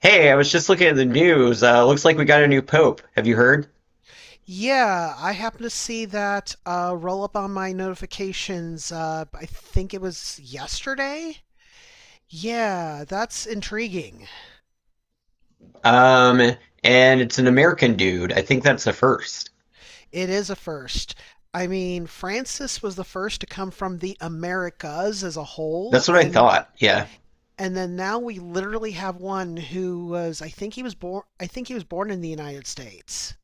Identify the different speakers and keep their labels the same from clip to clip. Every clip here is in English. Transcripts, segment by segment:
Speaker 1: Hey, I was just looking at the news. Looks like we got a new pope. Have you heard?
Speaker 2: Yeah, I happen to see that roll up on my notifications. I think it was yesterday. Yeah, that's intriguing.
Speaker 1: Um, and it's an American dude. I think that's the first.
Speaker 2: It is a first. I mean, Francis was the first to come from the Americas as a whole,
Speaker 1: That's what I
Speaker 2: and
Speaker 1: thought. Yeah.
Speaker 2: and then now we literally have one who was. I think he was born in the United States.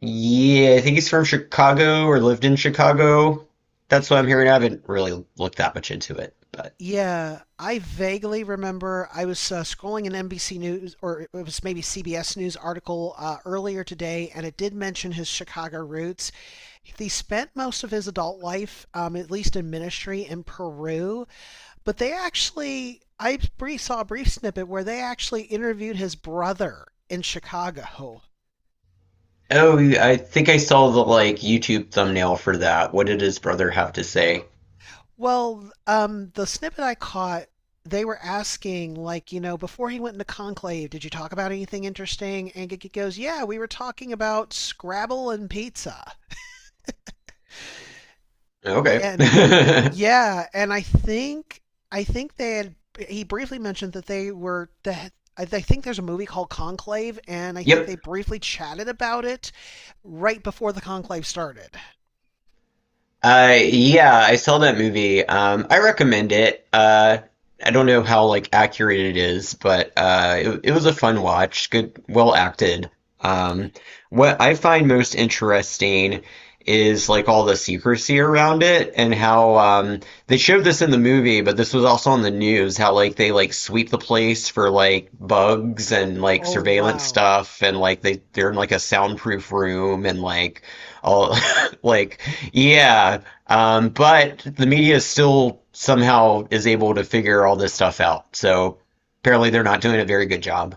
Speaker 1: Yeah, I think he's from Chicago or lived in Chicago. That's what I'm hearing. I haven't really looked that much into it, but
Speaker 2: Yeah, I vaguely remember I was scrolling an NBC News or it was maybe CBS News article earlier today, and it did mention his Chicago roots. He spent most of his adult life, at least in ministry, in Peru, but they actually, saw a brief snippet where they actually interviewed his brother in Chicago.
Speaker 1: oh, I think I saw the like YouTube thumbnail for that. What did his brother have to say?
Speaker 2: Well, the snippet I caught, they were asking, like, before he went into Conclave, did you talk about anything interesting? And Gigi goes, yeah, we were talking about Scrabble and pizza.
Speaker 1: Okay.
Speaker 2: And yeah, and I think they had he briefly mentioned that they were that I think there's a movie called Conclave, and I think
Speaker 1: Yep.
Speaker 2: they briefly chatted about it right before the conclave started.
Speaker 1: Yeah, I saw that movie. I recommend it. I don't know how like accurate it is, but it was a fun watch. Good, well acted. Um, what I find most interesting is like all the secrecy around it and how they showed this in the movie, but this was also on the news. How like they like sweep the place for like bugs and like
Speaker 2: Oh
Speaker 1: surveillance
Speaker 2: wow.
Speaker 1: stuff, and like they're in like a soundproof room and like all like yeah, but the media still somehow is able to figure all this stuff out. So apparently they're not doing a very good job.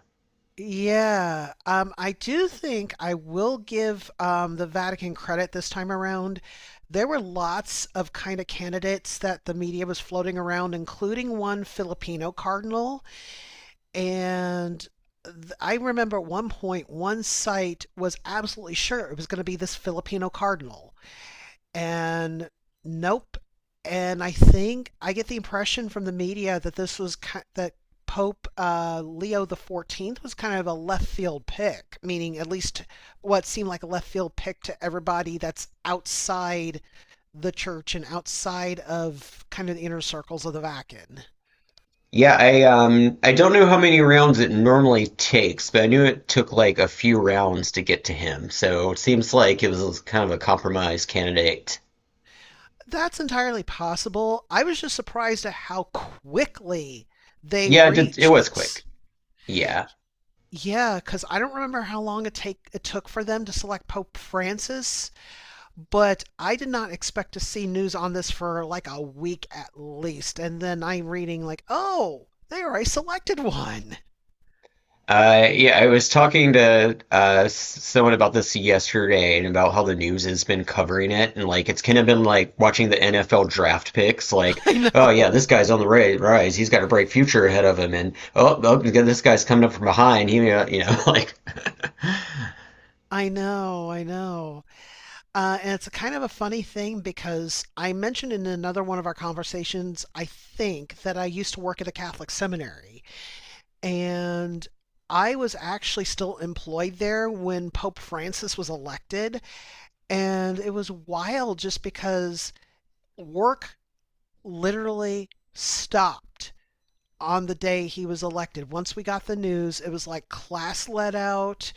Speaker 2: Yeah, I do think I will give the Vatican credit this time around. There were lots of kind of candidates that the media was floating around, including one Filipino cardinal. And I remember at one point, one site was absolutely sure it was going to be this Filipino cardinal and nope. And I think I get the impression from the media that this was that Pope Leo the XIV was kind of a left field pick, meaning at least what seemed like a left field pick to everybody that's outside the church and outside of kind of the inner circles of the Vatican.
Speaker 1: Yeah, I don't know how many rounds it normally takes, but I knew it took like a few rounds to get to him. So it seems like it was kind of a compromise candidate.
Speaker 2: That's entirely possible. I was just surprised at how quickly they
Speaker 1: Yeah, it
Speaker 2: reached
Speaker 1: was quick.
Speaker 2: this.
Speaker 1: Yeah.
Speaker 2: Yeah, because I don't remember how long it took for them to select Pope Francis, but I did not expect to see news on this for like a week at least. And then I'm reading like, oh, they already selected one.
Speaker 1: Yeah, I was talking to someone about this yesterday and about how the news has been covering it. And like, it's kind of been like watching the NFL draft picks. Like,
Speaker 2: I
Speaker 1: oh,
Speaker 2: know.
Speaker 1: yeah, this guy's on the rise. He's got a bright future ahead of him. And oh, this guy's coming up from behind. He, may not- you know, like,
Speaker 2: I know, I know. And it's a kind of a funny thing because I mentioned in another one of our conversations, I think, that I used to work at a Catholic seminary. And I was actually still employed there when Pope Francis was elected. And it was wild just because work literally stopped on the day he was elected. Once we got the news, it was like class let out.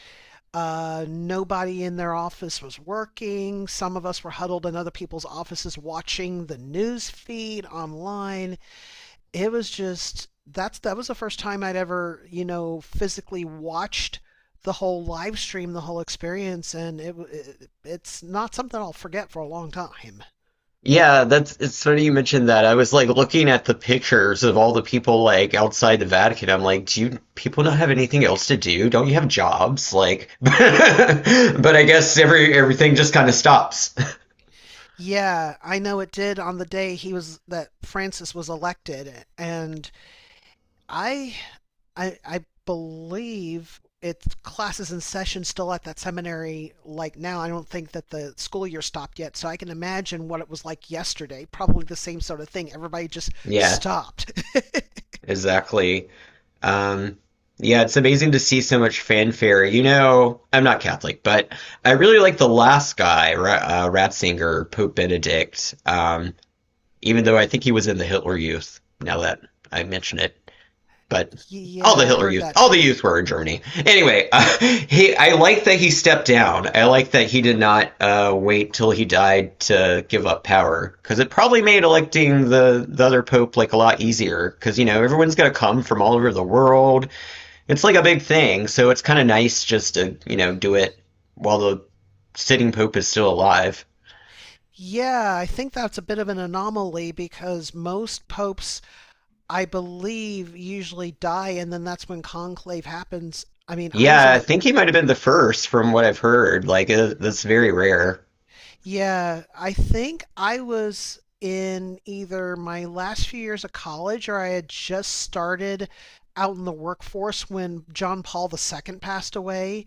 Speaker 2: Nobody in their office was working. Some of us were huddled in other people's offices watching the news feed online. It was just that's that was the first time I'd ever physically watched the whole live stream, the whole experience, and it's not something I'll forget for a long time.
Speaker 1: yeah, that's it's funny you mentioned that. I was like looking at the pictures of all the people like outside the Vatican. I'm like, do you people not have anything else to do? Don't you have jobs? Like, but I guess everything just kind of stops.
Speaker 2: Yeah, I know it did on the day he was that Francis was elected, and I, I believe it's classes and sessions still at that seminary like now. I don't think that the school year stopped yet, so I can imagine what it was like yesterday. Probably the same sort of thing. Everybody just
Speaker 1: Yeah,
Speaker 2: stopped.
Speaker 1: exactly. Um, yeah, it's amazing to see so much fanfare. You know, I'm not Catholic, but I really like the last guy, Ratzinger, Pope Benedict. Even though I think he was in the Hitler Youth. Now that I mention it. But all the
Speaker 2: Yeah, I
Speaker 1: Hitler
Speaker 2: heard
Speaker 1: Youth,
Speaker 2: that
Speaker 1: all the
Speaker 2: too.
Speaker 1: youth were in Germany. Anyway, he, I like that he stepped down. I like that he did not wait till he died to give up power because it probably made electing the other pope like a lot easier because you know everyone's gonna come from all over the world. It's like a big thing, so it's kind of nice just to you know do it while the sitting pope is still alive.
Speaker 2: Yeah, I think that's a bit of an anomaly because most popes, I believe, usually die, and then that's when conclave happens. I mean, I was
Speaker 1: Yeah,
Speaker 2: in,
Speaker 1: I think he might have been the first from what I've heard. Like that's very rare.
Speaker 2: yeah, I think I was in either my last few years of college or I had just started out in the workforce when John Paul II passed away.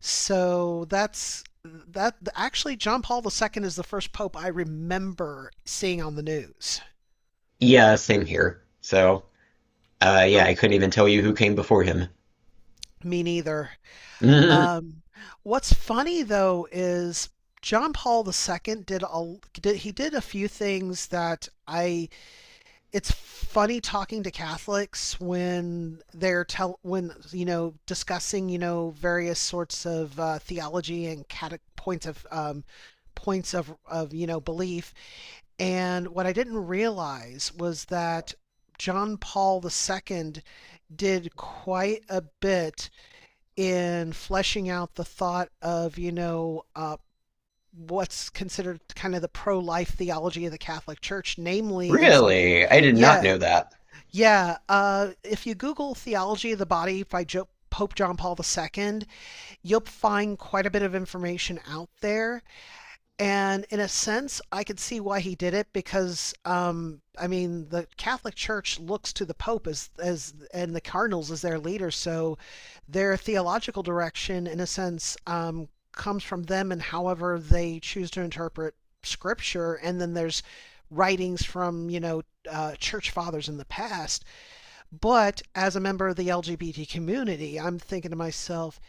Speaker 2: So that's that actually John Paul II is the first pope I remember seeing on the news.
Speaker 1: Yeah, same here. So yeah, I
Speaker 2: Oh,
Speaker 1: couldn't even tell you who came before him.
Speaker 2: me neither.
Speaker 1: Mm,
Speaker 2: Um, what's funny though is John Paul II did a few things that I it's funny talking to Catholics when they're tell when discussing various sorts of theology and points of points of belief. And what I didn't realize was that John Paul II did quite a bit in fleshing out the thought of, what's considered kind of the pro-life theology of the Catholic Church, namely in something.
Speaker 1: really? I did not
Speaker 2: Yeah,
Speaker 1: know that.
Speaker 2: yeah. If you Google theology of the body by Pope John Paul II, you'll find quite a bit of information out there, and in a sense, I could see why he did it because, I mean, the Catholic Church looks to the Pope as and the cardinals as their leader, so their theological direction, in a sense, comes from them and however they choose to interpret Scripture. And then there's writings from church fathers in the past. But as a member of the LGBT community, I'm thinking to myself,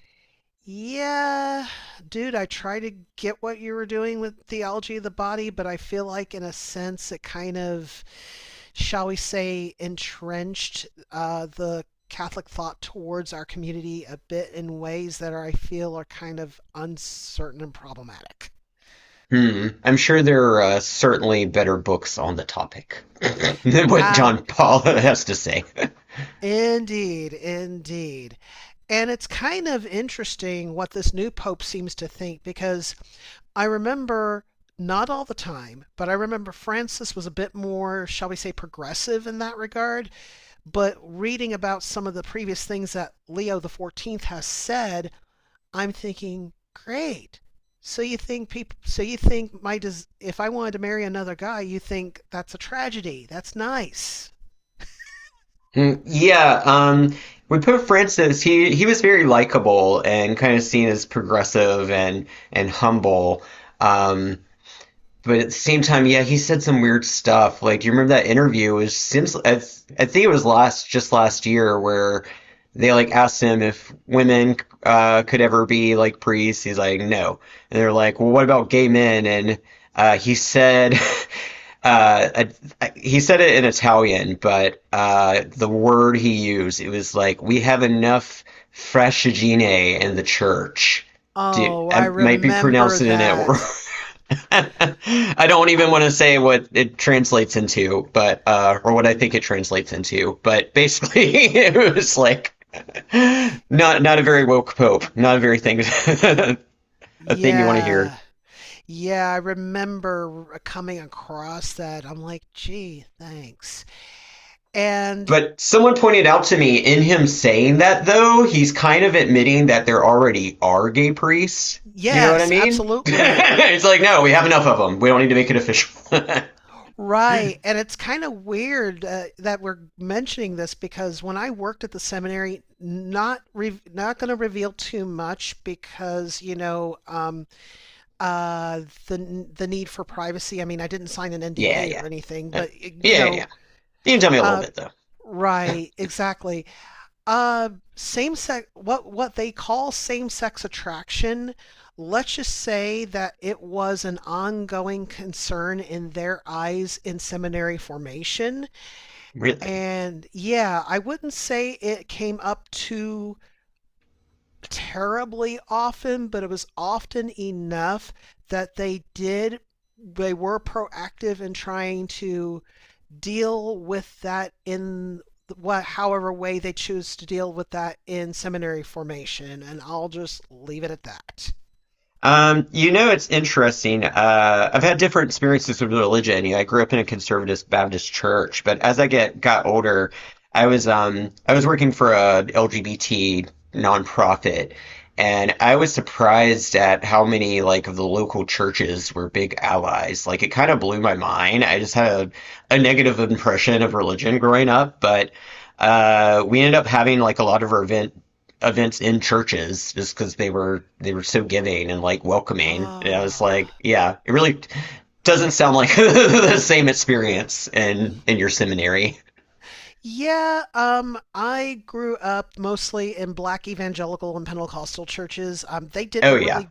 Speaker 2: yeah, dude, I try to get what you were doing with theology of the body, but I feel like, in a sense, it kind of, shall we say, entrenched the Catholic thought towards our community a bit in ways that are, I feel, are kind of uncertain and problematic.
Speaker 1: Hmm. I'm sure there are certainly better books on the topic than what
Speaker 2: Uh,
Speaker 1: John Paul has to say.
Speaker 2: indeed, indeed. And it's kind of interesting what this new pope seems to think because I remember not all the time, but I remember Francis was a bit more, shall we say, progressive in that regard. But reading about some of the previous things that Leo the XIV has said, I'm thinking, great. So you think people? So you think if I wanted to marry another guy, you think that's a tragedy? That's nice.
Speaker 1: Mm, yeah, we put Francis, he was very likable and kind of seen as progressive, and humble. Um, but at the same time, yeah, he said some weird stuff. Like, do you remember that interview? It was, seems I think it was last just last year where they like asked him if women could ever be like priests. He's like, no. And they're like, well, what about gay men? And he said. Uh, I, he said it in Italian, but the word he used, it was like, we have enough frashigine in the church. Do,
Speaker 2: Oh, I
Speaker 1: I might be
Speaker 2: remember
Speaker 1: pronouncing it at work.
Speaker 2: that.
Speaker 1: I don't
Speaker 2: I-
Speaker 1: even want to say what it translates into, but or what I think it translates into, but basically it was like not not a very woke pope, not a very thing a thing you want to hear.
Speaker 2: yeah. Yeah, I remember coming across that. I'm like, gee, thanks. And
Speaker 1: But someone pointed out to me in him saying that though, he's kind of admitting that there already are gay priests. You know what I
Speaker 2: yes,
Speaker 1: mean?
Speaker 2: absolutely.
Speaker 1: It's like no, we have enough of them. We don't need to make it official.
Speaker 2: Right. And it's kind of weird that we're mentioning this because when I worked at the seminary, not going to reveal too much because, the need for privacy. I mean, I didn't sign an
Speaker 1: Yeah,
Speaker 2: NDA
Speaker 1: yeah.
Speaker 2: or anything,
Speaker 1: Uh,
Speaker 2: but you
Speaker 1: yeah, yeah.
Speaker 2: know,
Speaker 1: Yeah. You can tell me a little
Speaker 2: uh,
Speaker 1: bit though.
Speaker 2: right, exactly. Uh, same sex, what they call same sex attraction. Let's just say that it was an ongoing concern in their eyes in seminary formation.
Speaker 1: Really.
Speaker 2: And yeah, I wouldn't say it came up too terribly often, but it was often enough that they were proactive in trying to deal with that in what however way they choose to deal with that in seminary formation, and I'll just leave it at that.
Speaker 1: You know, it's interesting. I've had different experiences with religion. You know, I grew up in a conservative Baptist church, but as I get got older, I was working for a LGBT nonprofit, and I was surprised at how many like of the local churches were big allies. Like it kind of blew my mind. I just had a negative impression of religion growing up, but we ended up having like a lot of our events in churches just because they were so giving and like welcoming. And I was like,
Speaker 2: Ah. Uh,
Speaker 1: yeah, it really doesn't sound like the same experience in your seminary.
Speaker 2: yeah, I grew up mostly in black evangelical and Pentecostal churches. They
Speaker 1: Oh
Speaker 2: didn't
Speaker 1: yeah,
Speaker 2: really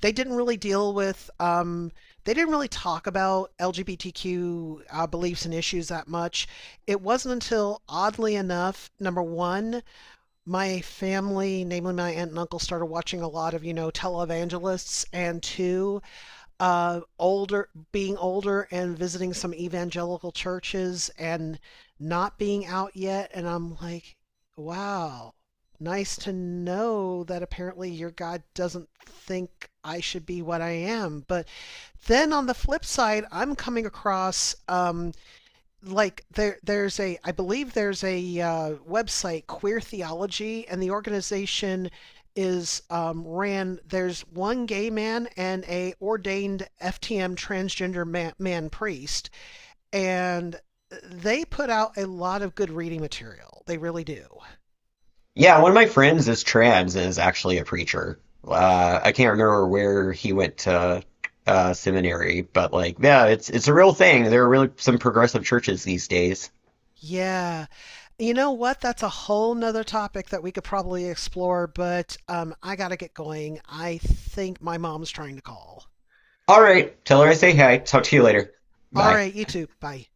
Speaker 2: they didn't really deal with um, talk about LGBTQ beliefs and issues that much. It wasn't until, oddly enough, number one, my family, namely my aunt and uncle, started watching a lot of televangelists, and two, being older and visiting some evangelical churches and not being out yet. And I'm like, wow, nice to know that apparently your God doesn't think I should be what I am. But then on the flip side, I'm coming across like there's a I believe there's a website, Queer Theology, and the organization is ran. There's one gay man and a ordained FTM transgender man priest, and they put out a lot of good reading material. They really do.
Speaker 1: yeah. One of my friends is trans and is actually a preacher. I can't remember where he went to seminary, but like, yeah, it's a real thing. There are really some progressive churches these days.
Speaker 2: Yeah. You know what? That's a whole nother topic that we could probably explore, but I got to get going. I think my mom's trying to call.
Speaker 1: All right, tell her I say hi. Talk to you later.
Speaker 2: All
Speaker 1: Bye.
Speaker 2: right, you too. Bye.